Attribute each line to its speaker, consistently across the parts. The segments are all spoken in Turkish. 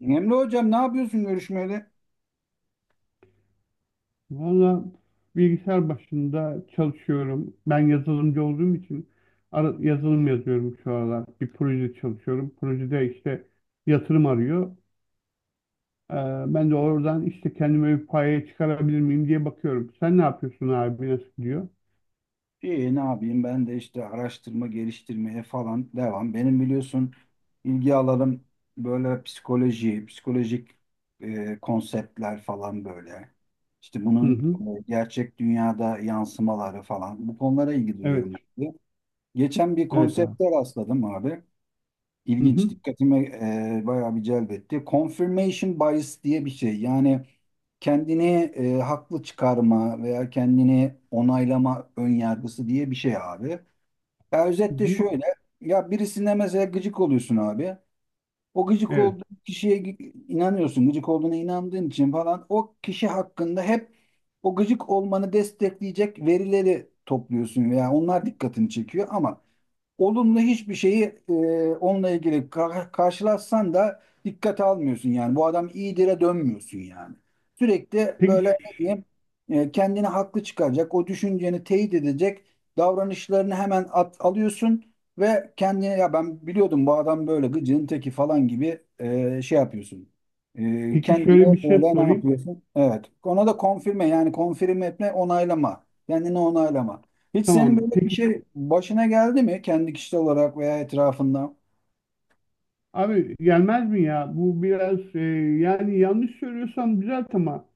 Speaker 1: Emre hocam ne yapıyorsun görüşmeli?
Speaker 2: Valla bilgisayar başında çalışıyorum. Ben yazılımcı olduğum için yazılım yazıyorum şu aralar. Bir proje çalışıyorum. Projede işte yatırım arıyor. Ee, Ben de oradan işte kendime bir paya çıkarabilir miyim diye bakıyorum. Sen ne yapıyorsun abi? Nasıl gidiyor?
Speaker 1: İyi, ne yapayım, ben de işte araştırma geliştirmeye falan devam. Benim biliyorsun ilgi alanım böyle psikoloji, psikolojik konseptler falan böyle. İşte
Speaker 2: Hı
Speaker 1: bunun
Speaker 2: hı.
Speaker 1: gerçek dünyada yansımaları falan, bu konulara ilgi duyuyorum.
Speaker 2: Evet.
Speaker 1: Abi, geçen bir
Speaker 2: Evet abi.
Speaker 1: konsepte rastladım abi.
Speaker 2: Hı
Speaker 1: İlginç,
Speaker 2: hı.
Speaker 1: dikkatime bayağı bir celbetti. Confirmation bias diye bir şey. Yani kendini haklı çıkarma veya kendini onaylama önyargısı diye bir şey abi. Ya
Speaker 2: Hı
Speaker 1: özetle
Speaker 2: hı.
Speaker 1: şöyle, ya birisine mesela gıcık oluyorsun abi. O gıcık
Speaker 2: Evet.
Speaker 1: olduğun kişiye inanıyorsun, gıcık olduğuna inandığın için falan o kişi hakkında hep o gıcık olmanı destekleyecek verileri topluyorsun veya onlar dikkatini çekiyor, ama olumlu hiçbir şeyi onunla ilgili karşılaşsan da dikkate almıyorsun yani. Bu adam iyidire dönmüyorsun yani. Sürekli
Speaker 2: Peki
Speaker 1: böyle ne
Speaker 2: ş-
Speaker 1: diyeyim, kendini haklı çıkaracak, o düşünceni teyit edecek davranışlarını hemen alıyorsun ve kendine ya ben biliyordum bu adam böyle gıcığın teki falan gibi şey yapıyorsun.
Speaker 2: peki
Speaker 1: Kendine
Speaker 2: şöyle bir şey
Speaker 1: böyle ne
Speaker 2: sorayım.
Speaker 1: yapıyorsun? Evet. Ona da konfirme, yani konfirme etme, onaylama. Kendini onaylama. Hiç senin
Speaker 2: Tamam.
Speaker 1: böyle bir şey başına geldi mi kendi kişisel olarak veya etrafında?
Speaker 2: Abi gelmez mi ya? Bu biraz yani yanlış söylüyorsam düzelt ama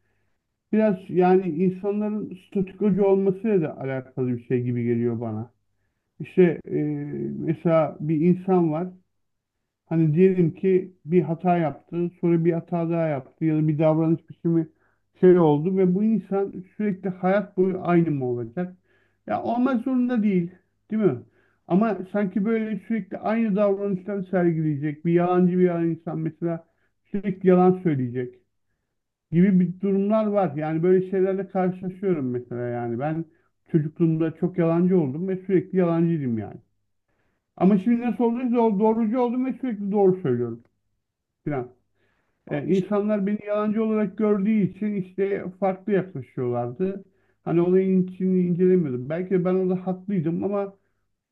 Speaker 2: biraz yani insanların statükocu olmasıyla da alakalı bir şey gibi geliyor bana. İşte, mesela bir insan var. Hani diyelim ki bir hata yaptı, sonra bir hata daha yaptı ya da bir davranış biçimi şey oldu ve bu insan sürekli hayat boyu aynı mı olacak? Ya olmak zorunda değil, değil mi? Ama sanki böyle sürekli aynı davranışları sergileyecek, bir yalancı bir insan mesela sürekli yalan söyleyecek gibi bir durumlar var. Yani böyle şeylerle karşılaşıyorum mesela yani. Ben çocukluğumda çok yalancı oldum ve sürekli yalancıydım yani. Ama şimdi nasıl olduysa o doğrucu oldum ve sürekli doğru söylüyorum filan.
Speaker 1: Abi işte,
Speaker 2: İnsanlar beni yalancı olarak gördüğü için işte farklı yaklaşıyorlardı. Hani olayın içini incelemiyordum. Belki de ben orada haklıydım ama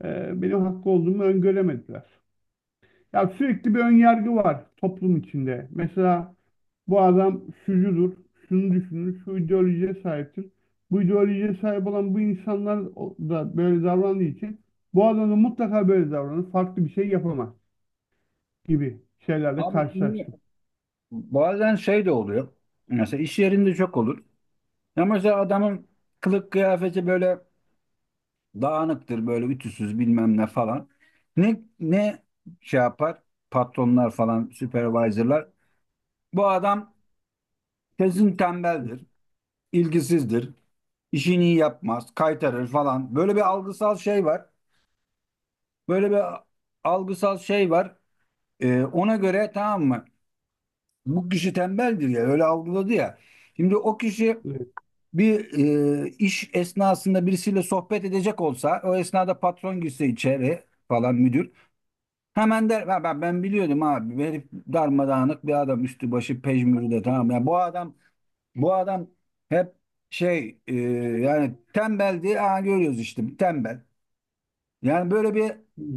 Speaker 2: benim haklı olduğumu öngöremediler. Ya sürekli bir önyargı var toplum içinde. Mesela bu adam şucudur, şunu düşünür, şu ideolojiye sahiptir. Bu ideolojiye sahip olan bu insanlar da böyle davrandığı için bu adam da mutlaka böyle davranır, farklı bir şey yapamaz gibi şeylerle
Speaker 1: abi şimdi
Speaker 2: karşılaştım.
Speaker 1: bazen şey de oluyor. Mesela iş yerinde çok olur. Ya mesela adamın kılık kıyafeti böyle dağınıktır, böyle ütüsüz bilmem ne falan. Ne şey yapar? Patronlar falan, supervisorlar. Bu adam kesin tembeldir, ilgisizdir, işini iyi yapmaz, kaytarır falan. Böyle bir algısal şey var. Böyle bir algısal şey var. Ona göre, tamam mı? Bu kişi tembeldir ya, öyle algıladı ya. Şimdi o kişi
Speaker 2: Evet.
Speaker 1: bir iş esnasında birisiyle sohbet edecek olsa, o esnada patron girse içeri falan, müdür. Hemen der "Ha, ben biliyordum abi, bu herif darmadağınık bir adam, üstü başı pejmürde, tamam ya bu adam, bu adam hep şey, yani tembeldi, ha görüyoruz işte tembel." Yani böyle bir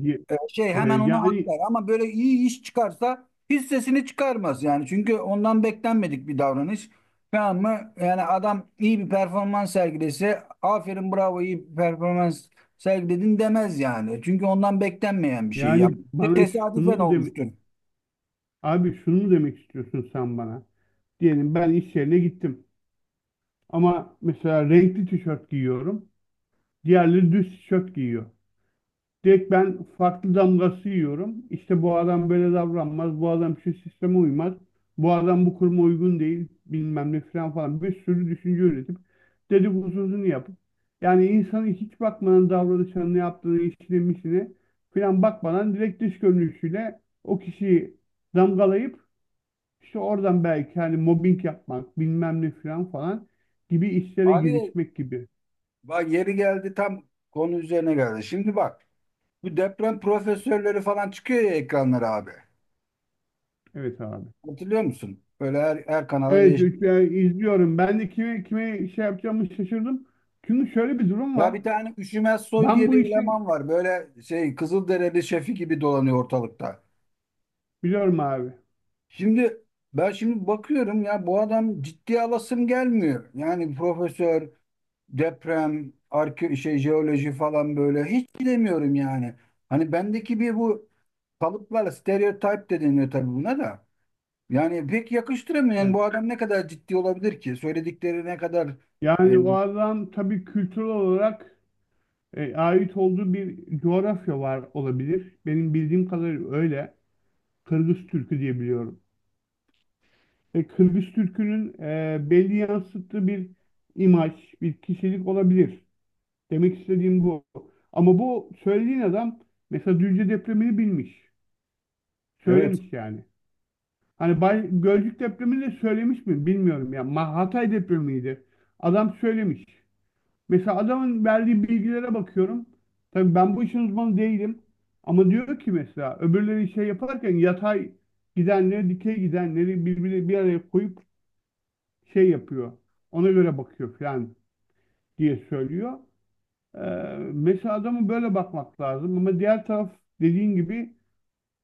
Speaker 2: Ye-
Speaker 1: şey
Speaker 2: e,
Speaker 1: hemen ona
Speaker 2: Yani
Speaker 1: atlar, ama böyle iyi iş çıkarsa hissesini çıkarmaz yani. Çünkü ondan beklenmedik bir davranış. Tamam mı? Yani adam iyi bir performans sergilese aferin, bravo, iyi bir performans sergiledin demez yani. Çünkü ondan beklenmeyen bir şey
Speaker 2: yani
Speaker 1: yaptı.
Speaker 2: bana şunu
Speaker 1: Tesadüfen
Speaker 2: mu deme
Speaker 1: olmuştur.
Speaker 2: abi şunu mu demek istiyorsun sen bana? Diyelim ben iş yerine gittim ama mesela renkli tişört giyiyorum. Diğerleri düz tişört giyiyor. Direkt ben farklı damgası yiyorum. İşte bu adam böyle davranmaz, bu adam şu sisteme uymaz, bu adam bu kuruma uygun değil, bilmem ne falan falan bir sürü düşünce üretip dedikodusunu yapıp yani insanın hiç bakmadan davranışına, ne yaptığını, işine, misine falan bakmadan direkt dış görünüşüyle o kişiyi damgalayıp işte oradan belki hani mobbing yapmak, bilmem ne falan falan gibi işlere
Speaker 1: Abi
Speaker 2: girişmek gibi.
Speaker 1: bak, yeri geldi, tam konu üzerine geldi. Şimdi bak, bu deprem profesörleri falan çıkıyor ya ekranlara abi.
Speaker 2: Evet abi.
Speaker 1: Hatırlıyor musun? Böyle her kanala değişik.
Speaker 2: Yani izliyorum. Ben de kime şey yapacağımı şaşırdım. Çünkü şöyle bir durum
Speaker 1: Ya
Speaker 2: var.
Speaker 1: bir tane Üşümez Soy
Speaker 2: Ben
Speaker 1: diye bir
Speaker 2: bu işi
Speaker 1: eleman var. Böyle şey, Kızılderili şefi gibi dolanıyor ortalıkta.
Speaker 2: biliyorum abi.
Speaker 1: Şimdi ben bakıyorum ya, bu adam ciddiye alasım gelmiyor. Yani profesör, deprem, arke şey, jeoloji falan böyle, hiç bilemiyorum yani. Hani bendeki bir bu kalıplar, stereotip de deniyor tabii buna da. Yani pek yakıştıramıyorum. Yani
Speaker 2: Evet.
Speaker 1: bu adam ne kadar ciddi olabilir ki? Söyledikleri ne kadar e,
Speaker 2: Yani o adam tabii kültürel olarak ait olduğu bir coğrafya var olabilir. Benim bildiğim kadarıyla öyle. Kırgız Türkü diye biliyorum. Kırgız Türkü'nün, belli yansıttığı bir imaj, bir kişilik olabilir. Demek istediğim bu. Ama bu söylediğin adam mesela Düzce depremini bilmiş.
Speaker 1: evet, evet,
Speaker 2: Söylemiş yani. Hani Bay, Gölcük depremini de söylemiş mi bilmiyorum ya. Hatay depremiydi. Adam söylemiş. Mesela adamın verdiği bilgilere bakıyorum. Tabii ben bu işin uzmanı değilim. Ama diyor ki mesela öbürleri şey yaparken yatay gidenleri, dikey gidenleri birbirine bir araya koyup şey yapıyor. Ona göre bakıyor falan diye söylüyor. Ee, Mesela adamı böyle bakmak lazım. Ama diğer taraf dediğin gibi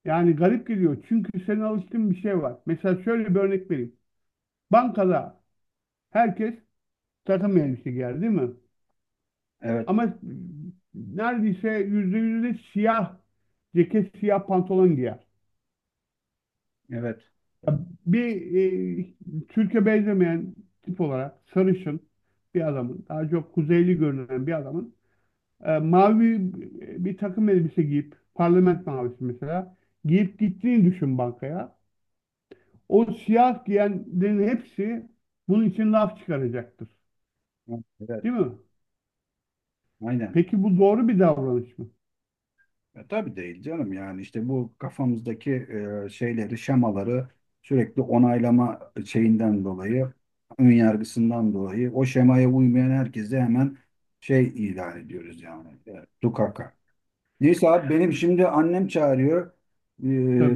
Speaker 2: yani garip geliyor. Çünkü senin alıştığın bir şey var. Mesela şöyle bir örnek vereyim. Bankada herkes takım elbise giyer değil mi?
Speaker 1: evet,
Speaker 2: Ama neredeyse yüzde siyah ceket, siyah pantolon giyer.
Speaker 1: evet,
Speaker 2: Ya bir Türkiye benzemeyen tip olarak sarışın bir adamın, daha çok kuzeyli görünen bir adamın mavi bir takım elbise giyip, parlament mavisi mesela, giyip gittiğini düşün bankaya. O siyah giyenlerin hepsi bunun için laf çıkaracaktır.
Speaker 1: evet,
Speaker 2: Değil mi?
Speaker 1: aynen.
Speaker 2: Peki bu doğru bir davranış mı?
Speaker 1: Ya tabii değil canım, yani işte bu kafamızdaki şeyleri, şemaları sürekli onaylama şeyinden dolayı, ön yargısından dolayı, o şemaya uymayan herkese hemen şey ilan ediyoruz yani. E, tukaka. Neyse abi, benim şimdi annem çağırıyor.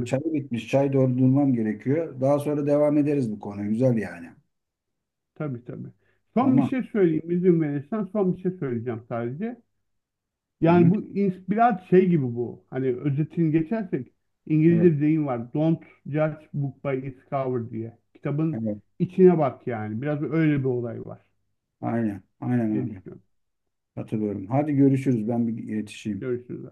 Speaker 1: E, çayı bitmiş. Çay doldurmam gerekiyor. Daha sonra devam ederiz bu konu. Güzel yani.
Speaker 2: Tabii, tabii. Son bir
Speaker 1: Tamam.
Speaker 2: şey söyleyeyim izin verirsen, son bir şey söyleyeceğim sadece.
Speaker 1: Hı hı.
Speaker 2: Biraz şey gibi bu. Hani özetini geçersek İngilizce
Speaker 1: Evet,
Speaker 2: bir deyim var. Don't judge book by its cover diye. Kitabın
Speaker 1: evet.
Speaker 2: içine bak yani. Biraz öyle bir olay var
Speaker 1: Aynen. Aynen
Speaker 2: diye
Speaker 1: abi.
Speaker 2: düşünüyorum.
Speaker 1: Hatırlıyorum. Hadi görüşürüz. Ben bir yetişeyim.
Speaker 2: Görüşürüz.